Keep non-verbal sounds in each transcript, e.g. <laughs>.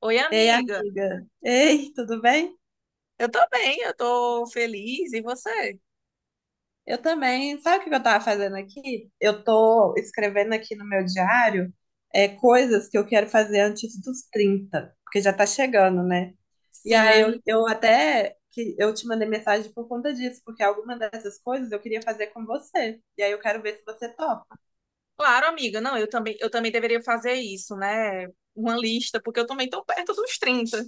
Oi, Ei, amiga. amiga. Ei, tudo bem? Eu tô bem, eu tô feliz. E você? Eu também. Sabe o que eu tava fazendo aqui? Eu tô escrevendo aqui no meu diário coisas que eu quero fazer antes dos 30, porque já tá chegando, né? E aí Sim, eu até que eu te mandei mensagem por conta disso, porque alguma dessas coisas eu queria fazer com você. E aí eu quero ver se você topa. claro, amiga. Não, eu também deveria fazer isso, né? Uma lista, porque eu também tô perto dos trinta.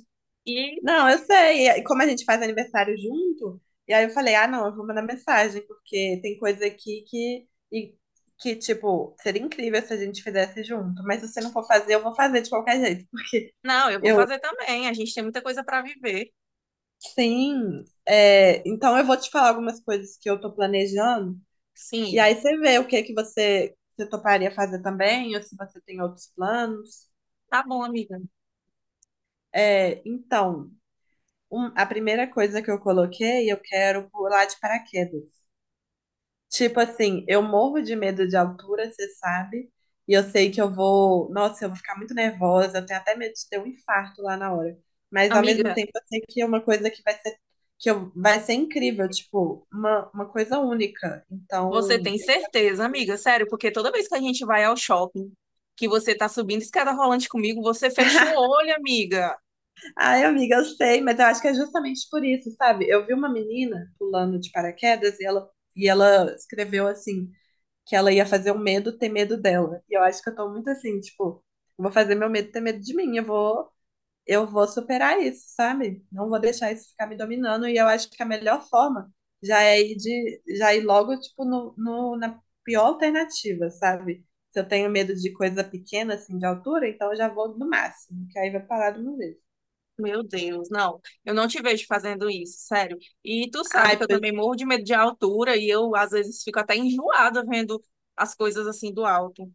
E Não, eu sei. E como a gente faz aniversário junto, e aí eu falei, ah, não, eu vou mandar mensagem, porque tem coisa aqui tipo, seria incrível se a gente fizesse junto. Mas se você não for fazer, eu vou fazer de qualquer jeito, <laughs> não, eu vou eu, fazer também. A gente tem muita coisa para viver. sim. Então eu vou te falar algumas coisas que eu tô planejando, e Sim, aí você vê o que que você toparia fazer também, ou se você tem outros planos. tá bom, amiga. É, então, a primeira coisa que eu coloquei, eu quero pular de paraquedas. Tipo assim, eu morro de medo de altura, você sabe? E eu sei que eu vou. Nossa, eu vou ficar muito nervosa. Eu tenho até medo de ter um infarto lá na hora. Mas ao mesmo Amiga, tempo, eu sei que é uma coisa que vai ser, vai ser incrível, tipo, uma coisa única. você Então. tem certeza, amiga? Sério, porque toda vez que a gente vai ao shopping, que você tá subindo escada rolante comigo, você fecha o <laughs> olho, amiga. Ai, amiga, eu sei, mas eu acho que é justamente por isso, sabe? Eu vi uma menina pulando de paraquedas e ela escreveu assim que ela ia fazer o medo ter medo dela. E eu acho que eu tô muito assim, tipo, eu vou fazer meu medo ter medo de mim, eu vou superar isso, sabe? Não vou deixar isso ficar me dominando, e eu acho que a melhor forma já ir logo, tipo, no, no, na pior alternativa, sabe? Se eu tenho medo de coisa pequena, assim, de altura, então eu já vou no máximo, que aí vai parar de uma vez. Meu Deus, não. Eu não te vejo fazendo isso, sério. E tu sabe Ai, que eu também morro de medo de altura e eu às vezes fico até enjoada vendo as coisas assim do alto.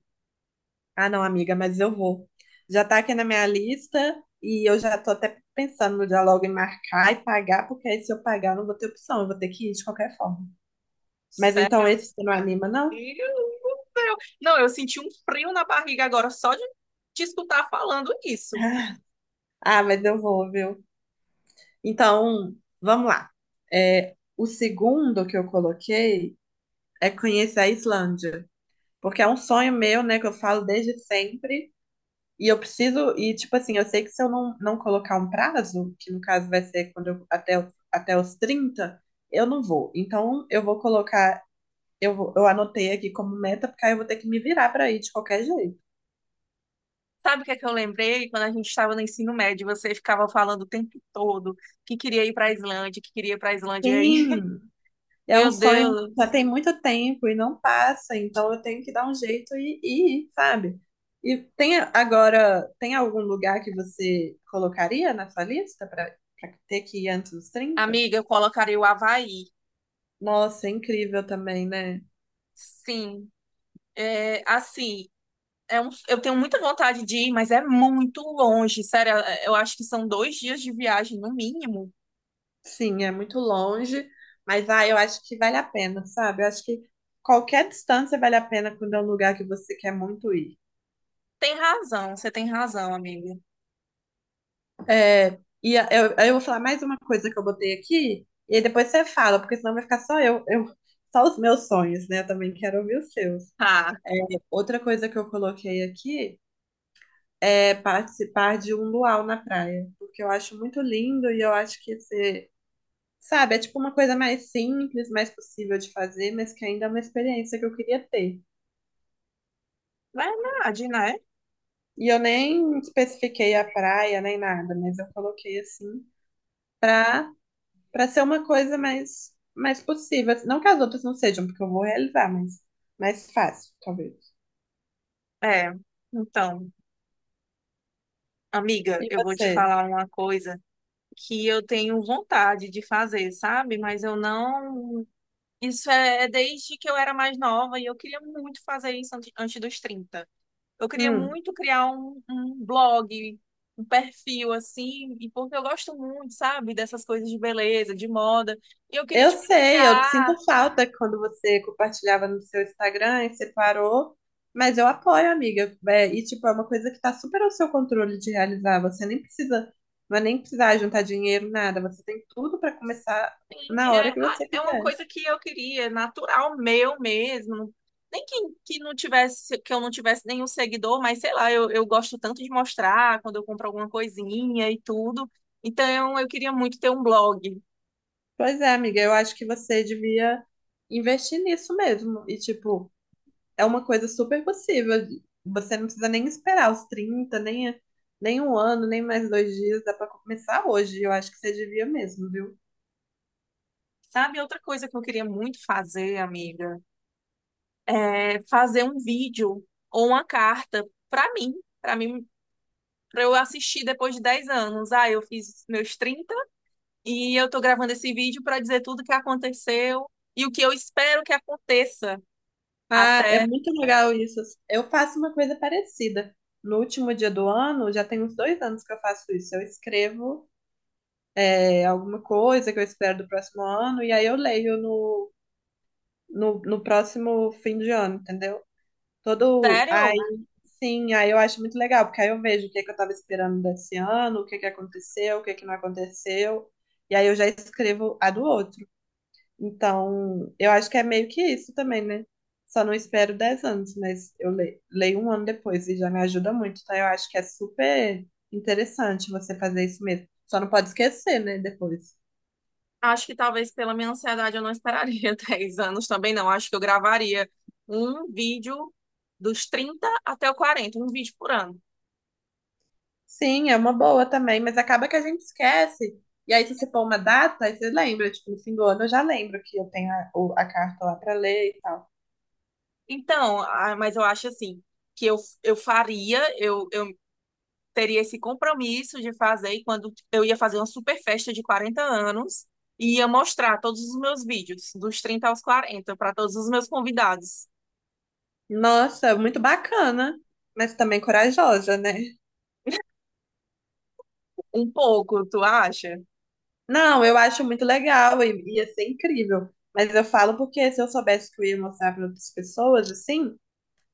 Ah, não, amiga, mas eu vou. Já tá aqui na minha lista e eu já tô até pensando no diálogo em marcar e pagar, porque aí se eu pagar eu não vou ter opção, eu vou ter que ir de qualquer forma. Mas Sério, então amiga. esse você não anima, não? Meu Deus do céu. Não, eu senti um frio na barriga agora só de te escutar falando isso. <laughs> Ah, mas eu vou, viu? Então, vamos lá. É, o segundo que eu coloquei é conhecer a Islândia, porque é um sonho meu, né, que eu falo desde sempre. E eu preciso, e tipo assim, eu sei que se eu não colocar um prazo, que no caso vai ser quando até os 30 eu não vou. Então eu vou colocar, eu anotei aqui como meta, porque aí eu vou ter que me virar pra ir de qualquer jeito. Sabe o que é que eu lembrei? Quando a gente estava no ensino médio, você ficava falando o tempo todo que queria ir para a Islândia, que queria ir para a Islândia. Aí, <laughs> Sim, é um meu sonho que já Deus. tem muito tempo e não passa, então eu tenho que dar um jeito e ir, sabe? E agora, tem algum lugar que você colocaria na sua lista pra ter que ir antes dos trinta. Amiga, eu colocaria o Havaí. Nossa, é incrível também, né? Sim. É, assim, eu tenho muita vontade de ir, mas é muito longe. Sério, é, eu acho que são dois dias de viagem, no mínimo. Sim, é muito longe, mas ah, eu acho que vale a pena, sabe? Eu acho que qualquer distância vale a pena quando é um lugar que você quer muito ir. Tem razão, você tem razão, amiga. É, e eu vou falar mais uma coisa que eu botei aqui, e aí depois você fala, porque senão vai ficar só só os meus sonhos, né? Eu também quero ouvir os seus. Ah, Outra coisa que eu coloquei aqui é participar de um luau na praia, porque eu acho muito lindo e eu acho sabe, é tipo uma coisa mais simples, mais possível de fazer, mas que ainda é uma experiência que eu queria ter. verdade, né? E eu nem especifiquei a praia nem nada, mas eu coloquei assim pra, pra ser uma coisa mais, mais possível. Não que as outras não sejam, porque eu vou realizar, mas mais fácil, talvez. É. Então, amiga, E eu vou te você? falar uma coisa que eu tenho vontade de fazer, sabe? Mas eu não. Isso é desde que eu era mais nova e eu queria muito fazer isso antes dos trinta. Eu queria Hum, muito criar um blog, um perfil assim, e porque eu gosto muito, sabe, dessas coisas de beleza, de moda. E eu queria, eu tipo, sei, eu sinto criar. falta quando você compartilhava no seu Instagram e você parou, mas eu apoio, amiga. É, e tipo, é uma coisa que tá super ao seu controle de realizar. Você nem precisa, vai nem precisar juntar dinheiro, nada. Você tem tudo pra começar na É, hora que ah, você é uma quiser. coisa que eu queria, natural, meu mesmo. Nem que, que não tivesse, que eu não tivesse nenhum seguidor, mas sei lá, eu gosto tanto de mostrar quando eu compro alguma coisinha e tudo. Então, eu queria muito ter um blog. Pois é, amiga, eu acho que você devia investir nisso mesmo. E, tipo, é uma coisa super possível. Você não precisa nem esperar os 30 nem, nem um ano, nem mais dois dias. Dá pra começar hoje. Eu acho que você devia mesmo, viu? Sabe, outra coisa que eu queria muito fazer, amiga? É, fazer um vídeo ou uma carta para mim, para mim, para eu assistir depois de 10 anos. Ah, eu fiz meus 30 e eu tô gravando esse vídeo para dizer tudo que aconteceu e o que eu espero que aconteça Ah, é até. muito legal isso. Eu faço uma coisa parecida. No último dia do ano, já tem uns dois anos que eu faço isso. Eu escrevo, é, alguma coisa que eu espero do próximo ano, e aí eu leio no próximo fim de ano, entendeu? Todo. Sério? Aí, sim, aí eu acho muito legal, porque aí eu vejo o que é que eu estava esperando desse ano, o que é que aconteceu, o que é que não aconteceu, e aí eu já escrevo a do outro. Então, eu acho que é meio que isso também, né? Só não espero 10 anos, mas eu leio um ano depois e já me ajuda muito. Então, eu acho que é super interessante você fazer isso mesmo. Só não pode esquecer, né? Depois. Acho que talvez pela minha ansiedade eu não esperaria <laughs> 10 anos também, não. Acho que eu gravaria um vídeo dos 30 até o 40, um vídeo por ano. Sim, é uma boa também, mas acaba que a gente esquece. E aí, se você pôr uma data, aí você lembra, tipo, no fim do ano eu já lembro que eu tenho a carta lá pra ler e tal. Então, ah, mas eu acho assim, que eu, eu faria, eu teria esse compromisso de fazer e quando eu ia fazer uma super festa de 40 anos e ia mostrar todos os meus vídeos, dos 30 aos 40 para todos os meus convidados. Nossa, muito bacana, mas também corajosa, né? Um pouco, tu acha? Não, eu acho muito legal e ia ser incrível. Mas eu falo porque se eu soubesse que eu ia mostrar para outras pessoas, assim,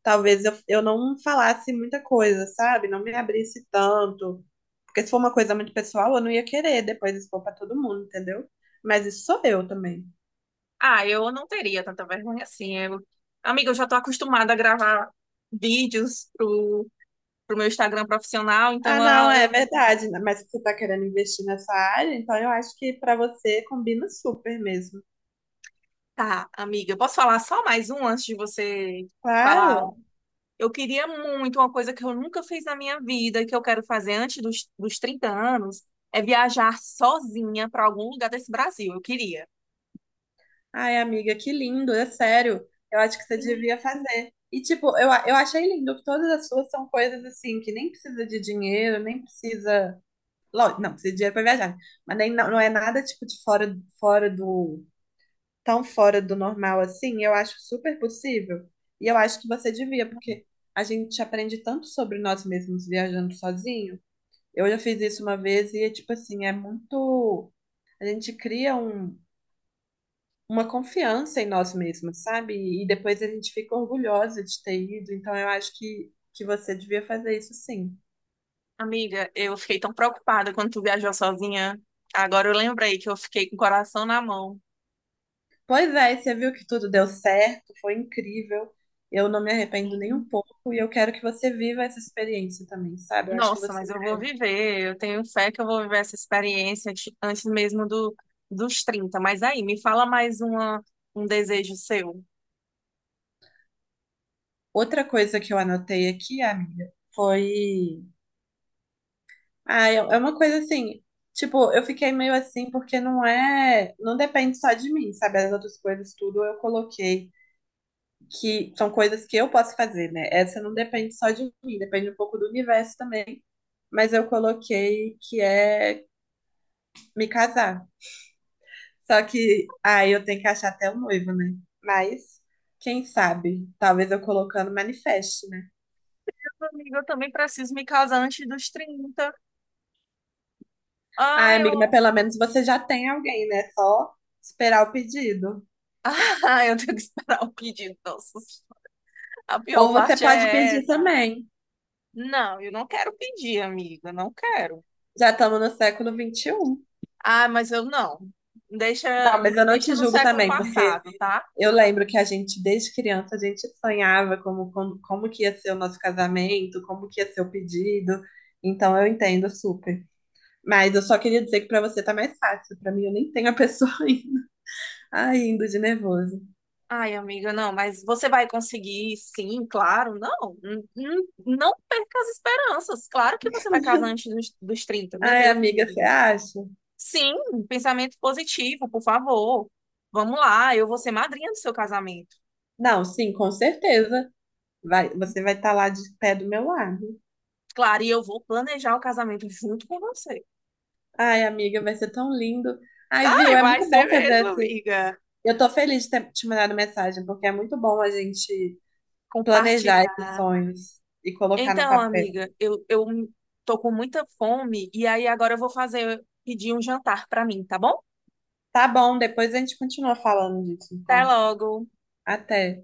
talvez eu não falasse muita coisa, sabe? Não me abrisse tanto. Porque se for uma coisa muito pessoal, eu não ia querer depois expor para todo mundo, entendeu? Mas isso sou eu também. Ah, eu não teria tanta vergonha assim. Eu... Amiga, eu já tô acostumada a gravar vídeos pro meu Instagram profissional, então Ah, não, é eu- verdade, né? Mas se você está querendo investir nessa área, então eu acho que para você combina super mesmo. Tá, amiga, posso falar só mais um antes de você falar. Claro. Eu queria muito, uma coisa que eu nunca fiz na minha vida, e que eu quero fazer antes dos 30 anos, é viajar sozinha para algum lugar desse Brasil. Eu queria. Ai, amiga, que lindo, é sério. Eu acho que você Sim. devia fazer. E tipo, eu achei lindo que todas as suas são coisas assim que nem precisa de dinheiro, nem precisa, lógico, não, precisa de dinheiro para viajar, mas nem não, não é nada tipo de fora fora do tão fora do normal assim. Eu acho super possível. E eu acho que você devia, porque a gente aprende tanto sobre nós mesmos viajando sozinho. Eu já fiz isso uma vez e é tipo assim, é muito. A gente cria uma confiança em nós mesmos, sabe? E depois a gente fica orgulhosa de ter ido. Então eu acho que você devia fazer isso sim. Amiga, eu fiquei tão preocupada quando tu viajou sozinha. Agora eu lembrei que eu fiquei com o coração na mão. Pois é, você viu que tudo deu certo, foi incrível. Eu não me arrependo nem um Sim. pouco e eu quero que você viva essa experiência também, sabe? Eu acho que Nossa, você. mas eu vou viver, eu tenho fé que eu vou viver essa experiência antes mesmo dos 30. Mas aí, me fala um desejo seu. Outra coisa que eu anotei aqui, amiga, foi, ah, é uma coisa assim, tipo, eu fiquei meio assim porque não depende só de mim, sabe? As outras coisas tudo eu coloquei que são coisas que eu posso fazer, né? Essa não depende só de mim, depende um pouco do universo também, mas eu coloquei que é me casar. Só que aí eu tenho que achar até o noivo, né? Mas quem sabe? Talvez eu colocando manifeste, né? Amiga, eu também preciso me casar antes dos 30. Ai, Ai, eu... amiga, mas pelo menos você já tem alguém, né? Só esperar o pedido. Ah, <laughs> eu tenho que esperar o pedido. Nossa, a pior Ou você parte pode é pedir essa. também. Não, eu não quero pedir, amiga, não quero. Já estamos no século XXI. Ah, mas eu não. Deixa, Não, mas me eu não deixa te no julgo século também, porque passado, tá? eu lembro que a gente, desde criança, a gente sonhava como que ia ser o nosso casamento, como que ia ser o pedido. Então eu entendo super. Mas eu só queria dizer que para você tá mais fácil. Para mim, eu nem tenho a pessoa <laughs> ainda. Ai, indo de nervoso. Ai, amiga, não, mas você vai conseguir, sim, claro. Não, não perca as esperanças. Claro que você vai casar antes dos 30, meu Ai, Deus, amiga, você amiga. acha? Sim, pensamento positivo, por favor. Vamos lá, eu vou ser madrinha do seu casamento. Não, sim, com certeza. Vai, você vai estar lá de pé do meu lado. Claro, e eu vou planejar o casamento junto com você. Ai, amiga, vai ser tão lindo. Ai, viu? Ai, É vai muito ser bom mesmo, fazer. amiga. Eu tô feliz de ter te mandado mensagem, porque é muito bom a gente planejar esses Compartilhar. sonhos e colocar no Então, papel. amiga, eu tô com muita fome e aí agora eu vou fazer, pedir um jantar pra mim, tá bom? Tá bom, depois a gente continua falando disso, Até então. logo. Até.